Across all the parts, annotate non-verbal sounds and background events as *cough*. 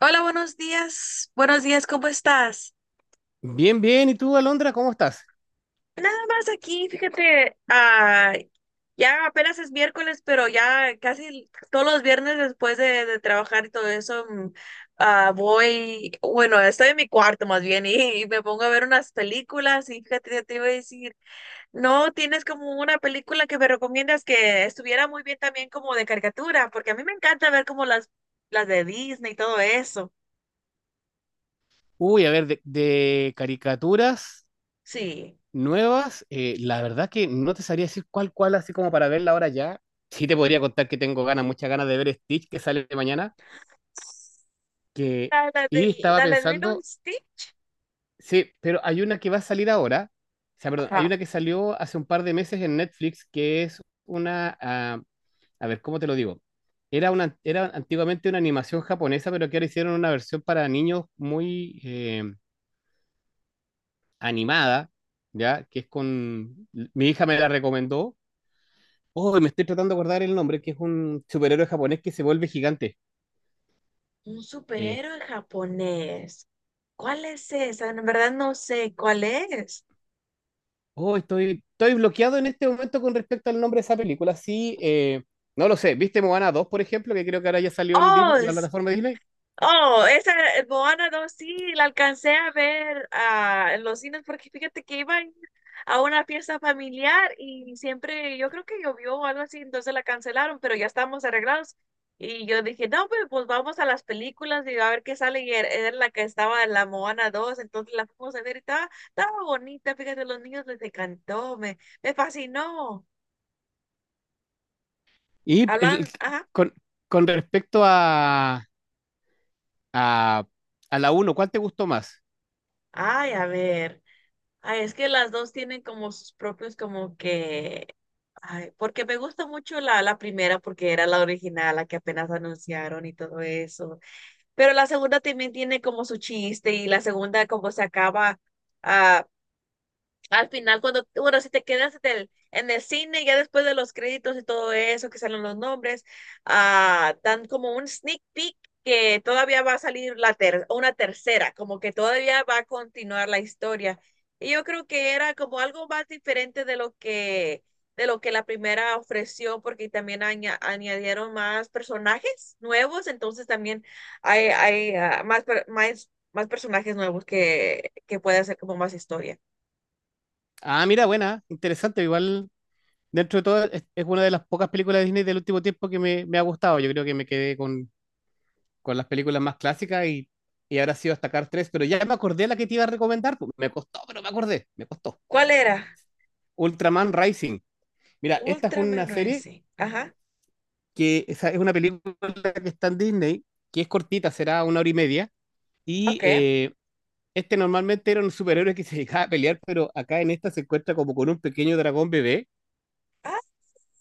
Hola, buenos días. Buenos días, ¿cómo estás? Bien, bien. ¿Y tú, Alondra, cómo estás? Nada más aquí, fíjate, ya apenas es miércoles, pero ya casi todos los viernes después de trabajar y todo eso, voy, bueno, estoy en mi cuarto más bien y me pongo a ver unas películas y fíjate, ya te iba a decir, no, tienes como una película que me recomiendas que estuviera muy bien también como de caricatura, porque a mí me encanta ver como las de Disney y todo eso. Uy, a ver, de caricaturas Sí. nuevas, la verdad que no te sabría decir cuál, así como para verla ahora ya. Sí te podría contar que tengo ganas, muchas ganas de ver Stitch que sale mañana, que La, la y del, estaba la, la de Lilo y pensando, Stitch. sí, pero hay una que va a salir ahora, o sea, perdón, hay Ajá. una que salió hace un par de meses en Netflix que es una, a ver, ¿cómo te lo digo? Era antiguamente una animación japonesa, pero que ahora hicieron una versión para niños muy animada, ¿ya? Que es con. Mi hija me la recomendó. Oh, me estoy tratando de acordar el nombre, que es un superhéroe japonés que se vuelve gigante. Un Eh, superhéroe japonés. ¿Cuál es esa? En verdad no sé cuál es. oh, estoy bloqueado en este momento con respecto al nombre de esa película. Sí, no lo sé. ¿Viste Moana 2, por ejemplo? Que creo que ahora ya salió en Oh, la plataforma de Disney. Oh, esa Moana dos sí, la alcancé a ver en los cines porque fíjate que iba a ir a una fiesta familiar y siempre, yo creo que llovió o algo así, entonces la cancelaron, pero ya estábamos arreglados. Y yo dije, no, pues vamos a las películas y a ver qué sale. Y era la que estaba en la Moana dos, entonces la fuimos a ver y estaba bonita, fíjate, los niños les encantó, me fascinó. Y el- Hablan, ajá, con, con respecto a, a la uno, ¿cuál te gustó más? ay, a ver. Ay, es que las dos tienen como sus propios, como que, ay, porque me gusta mucho la primera porque era la original, la que apenas anunciaron y todo eso, pero la segunda también tiene como su chiste y la segunda como se acaba, ah, al final, cuando, bueno, si te quedas en en el cine, ya después de los créditos y todo eso, que salen los nombres, dan como un sneak peek que todavía va a salir la tercera, como que todavía va a continuar la historia. Y yo creo que era como algo más diferente de de lo que la primera ofreció, porque también añadieron más personajes nuevos, entonces también hay más personajes nuevos que puede hacer como más historia. Ah, mira, buena, interesante, igual dentro de todo, es una de las pocas películas de Disney del último tiempo que me ha gustado. Yo creo que me quedé con las películas más clásicas y ahora sí hasta Cars 3, pero ya me acordé la que te iba a recomendar. Pues, me costó, pero me acordé, me costó. ¿Cuál era? Ultraman Rising. Mira, esta es Ultraman una serie Rising. Ajá. que esa es una película que está en Disney, que es cortita, será una hora y media, y Ok. Este normalmente era un superhéroe que se dedicaba a pelear, pero acá en esta se encuentra como con un pequeño dragón bebé. Ah,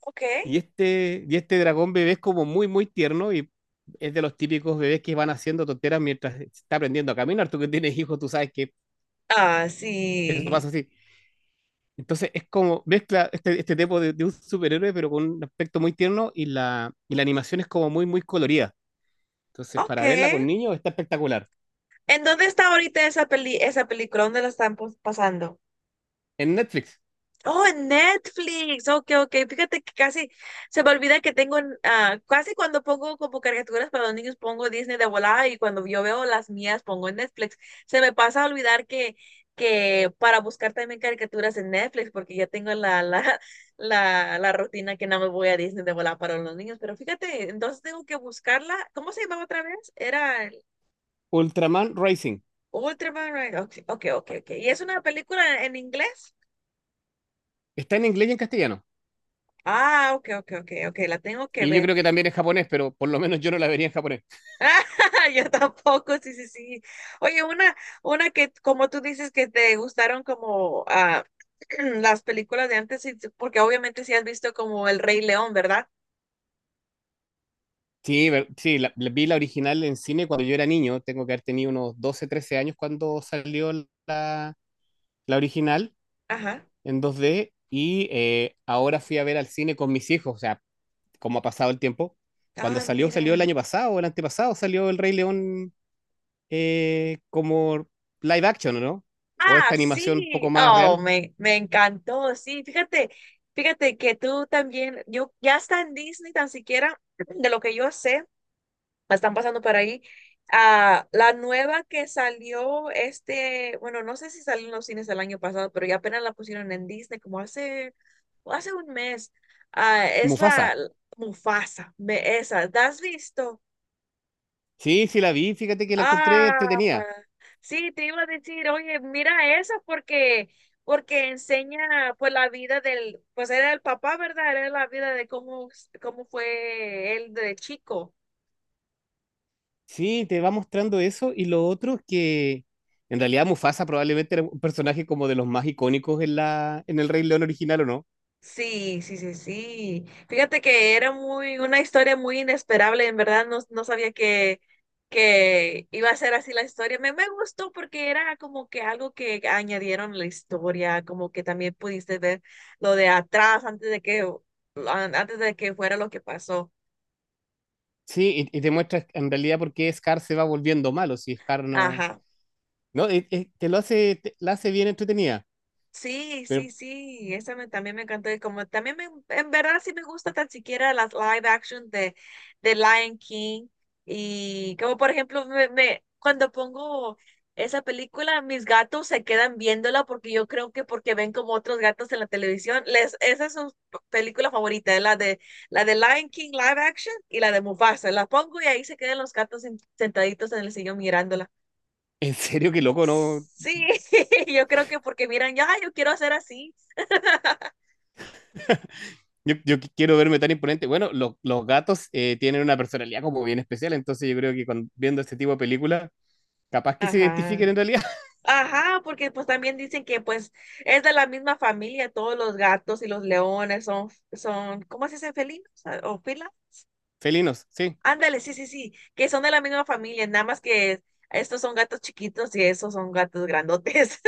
ok. Y este dragón bebé es como muy, muy tierno y es de los típicos bebés que van haciendo tonteras mientras se está aprendiendo a caminar. Tú que tienes hijos, tú sabes que Ah, eso pasa sí. así. Entonces es como mezcla este tipo de un superhéroe, pero con un aspecto muy tierno y y la animación es como muy, muy colorida. Entonces, Ok. para verla con niños está espectacular. ¿En dónde está ahorita esa esa película? ¿Dónde la están pasando? En Netflix, Oh, en Netflix. Ok, ok. Fíjate que casi se me olvida que tengo, casi cuando pongo como caricaturas para los niños, pongo Disney de volada y cuando yo veo las mías, pongo en Netflix. Se me pasa a olvidar que para buscar también caricaturas en Netflix, porque ya tengo la, *laughs* la rutina que no me voy a Disney de volada para los niños. Pero fíjate, entonces tengo que buscarla. ¿Cómo se llamaba otra vez? Era el Ultraman Rising. Ultraman, right? Ok, ok, ok, ok. ¿Y es una película en inglés? Está en inglés y en castellano. Ah, ok, ok, ok, ok. La tengo que Y yo ver. creo que también en japonés, pero por lo menos yo no la vería en japonés. Ah, *laughs* yo tampoco, sí, sí, sí. Oye, una que, como tú dices, que te gustaron como *clears throat* las películas de antes, porque obviamente sí has visto como El Rey León, ¿verdad? Sí, sí, vi la original en cine cuando yo era niño, tengo que haber tenido unos 12 13 años cuando salió la, la original Ajá. en 2D y ahora fui a ver al cine con mis hijos, o sea, cómo ha pasado el tiempo. Cuando Ah, salió el mira. año pasado, el antepasado, salió El Rey León como live action, ¿o no? O esta Ah, animación un poco sí. más Oh, real. Me encantó, sí. Fíjate, fíjate que tú también, yo ya está en Disney tan siquiera, *clears throat* de lo que yo sé. La están pasando por ahí. Ah, la nueva que salió este, bueno, no sé si salió en los cines el año pasado, pero ya apenas la pusieron en Disney como hace un mes. Ah, es la Mufasa. Mufasa, ve esa, ¿la has visto? Sí, sí la vi, fíjate que la encontré Ah, entretenida. sí, te iba a decir, oye, mira esa porque enseña pues la vida del, pues era el papá, ¿verdad? Era la vida de cómo fue él de chico. Sí, te va mostrando eso y lo otro es que en realidad Mufasa probablemente era un personaje como de los más icónicos en la en el Rey León original, ¿o no? Sí, sí, sí, sí. Fíjate que era muy, una historia muy inesperable, en verdad no sabía que iba a ser así la historia. Me gustó porque era como que algo que añadieron a la historia, como que también pudiste ver lo de atrás antes de antes de que fuera lo que pasó. Sí, y te muestra en realidad por qué Scar se va volviendo malo, si Scar no. Ajá. No, es- te lo hace, te- la hace bien entretenida, Sí, pero sí, sí, esa también me encantó y como también me, en verdad sí me gusta tan siquiera las live action de Lion King y como por ejemplo cuando pongo esa película mis gatos se quedan viéndola porque yo creo que porque ven como otros gatos en la televisión, les, esa es su película favorita, la de Lion King live action y la de Mufasa, la pongo y ahí se quedan los gatos sentaditos en el sillón mirándola. en serio, qué loco, ¿no? Sí, *laughs* yo creo que porque miran, ya, yo quiero hacer así. Yo quiero verme tan imponente. Bueno, los gatos tienen una personalidad como bien especial, entonces yo creo que viendo este tipo de películas, capaz que se Ajá. identifiquen en realidad. Ajá, porque pues también dicen que pues es de la misma familia, todos los gatos y los leones son, ¿cómo se dice? ¿Felinos? Ah, ¿o fila? *laughs* Felinos, sí. Ándale, sí, sí, sí, que son de la misma familia, nada más que estos son gatos chiquitos y esos son gatos grandotes.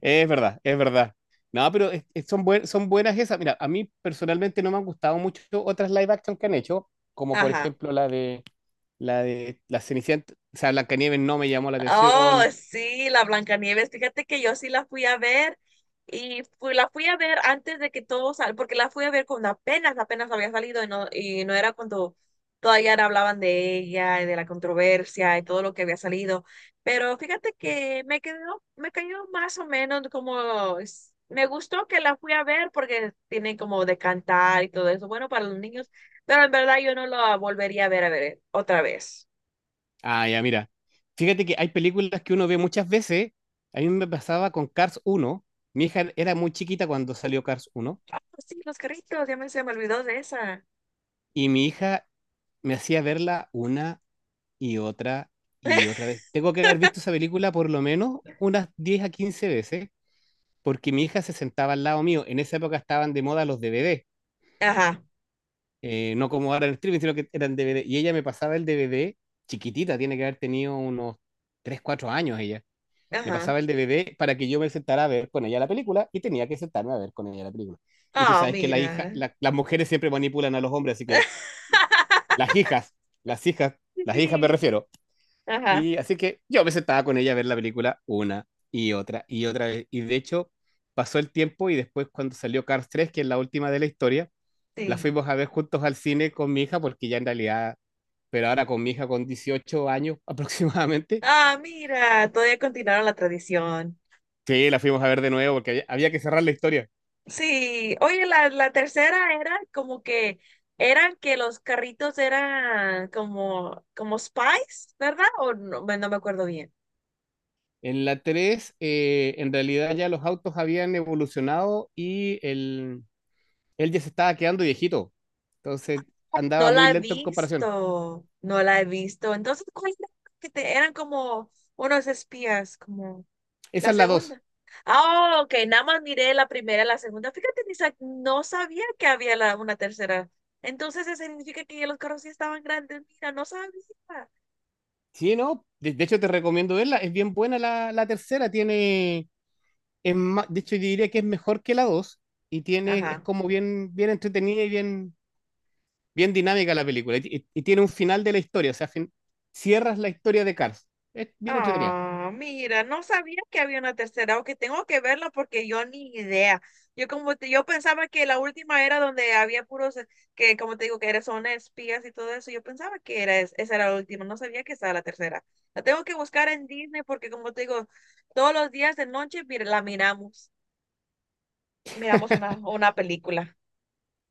Es verdad, es verdad. No, pero son buenas esas. Mira, a mí personalmente no me han gustado mucho otras live action que han hecho, *laughs* como por Ajá. ejemplo la de la Cenicienta, o sea, Blancanieves no me llamó la Oh, atención. sí, la Blancanieves. Fíjate que yo sí la fui a ver la fui a ver antes de que todo sal, porque la fui a ver cuando apenas había salido y y no era cuando todavía no hablaban de ella y de la controversia y todo lo que había salido. Pero fíjate que me me cayó más o menos como, me gustó que la fui a ver porque tiene como de cantar y todo eso, bueno, para los niños, pero en verdad yo no la volvería a ver, otra vez. Ah, ya, mira. Fíjate que hay películas que uno ve muchas veces. A mí me pasaba con Cars uno. Mi hija era muy chiquita cuando salió Cars uno Ah, pues sí, los carritos, ya me se me olvidó de esa. y mi hija me hacía verla una y otra y *laughs* otra vez. Tengo que haber visto esa película por lo menos unas 10 a 15 veces porque mi hija se sentaba al lado mío. En esa época estaban de moda los DVD, Ajá, no como ahora en el streaming, sino que eran DVD. Y ella me pasaba el DVD, chiquitita, tiene que haber tenido unos 3 4 años ella. Me pasaba ajá. el DVD para que yo me sentara a ver con ella la película y tenía que sentarme a ver con ella la película. Y tú Ah, sabes que mira. Las mujeres siempre manipulan a los hombres, así que *laughs* las hijas, las hijas, Sí, las hijas me sí. refiero. Ajá, Y así que yo me sentaba con ella a ver la película una y otra vez. Y de hecho, pasó el tiempo y después cuando salió Cars tres que es la última de la historia, la sí. fuimos a ver juntos al cine con mi hija, porque ya en realidad, pero ahora con mi hija con 18 años *laughs* aproximadamente, Ah, mira, todavía continuaron la tradición. sí, la fuimos a ver de nuevo porque había que cerrar la historia. Sí, oye, la tercera era como que eran que los carritos eran como, como spies, ¿verdad? O no, no me acuerdo bien. En la 3 en realidad ya los autos habían evolucionado y él ya se estaba quedando viejito. Entonces No andaba muy la he lento en comparación. visto, no la he visto. Entonces, ¿cuál era? Que te, eran como unos espías, como. Esa La es la dos. segunda. Ah, ok, nada más miré la primera, la segunda. Fíjate, ni sa- no sabía que había una tercera. Entonces, eso significa que ya los carros sí estaban grandes. Mira, no sabía. Sí, no, de hecho te recomiendo verla, es bien buena la tercera, tiene, de hecho yo diría que es mejor que la dos, y tiene, es Ajá. como bien, bien entretenida y bien, bien dinámica la película, y tiene un final de la historia, o sea, cierras la historia de Cars, es bien entretenida. Ah, mira, no sabía que había una tercera, o que tengo que verla porque yo ni idea. Yo como yo pensaba que la última era donde había puros que como te digo que eran son espías y todo eso. Yo pensaba que era esa era la última, no sabía que estaba la tercera. La tengo que buscar en Disney porque como te digo, todos los días de noche mira, la miramos, miramos *laughs* una película.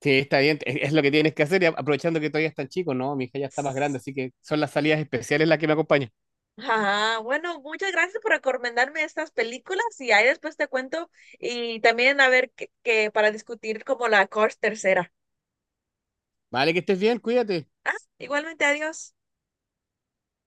Sí, está bien, es lo que tienes que hacer, y aprovechando que todavía están chicos, ¿no? Mi hija ya está más grande, así que son las salidas especiales las que me acompañan. Ajá, bueno, muchas gracias por recomendarme estas películas y ahí después te cuento y también a ver que para discutir como la Cors tercera. Vale, que estés bien, cuídate. Ah, igualmente, adiós.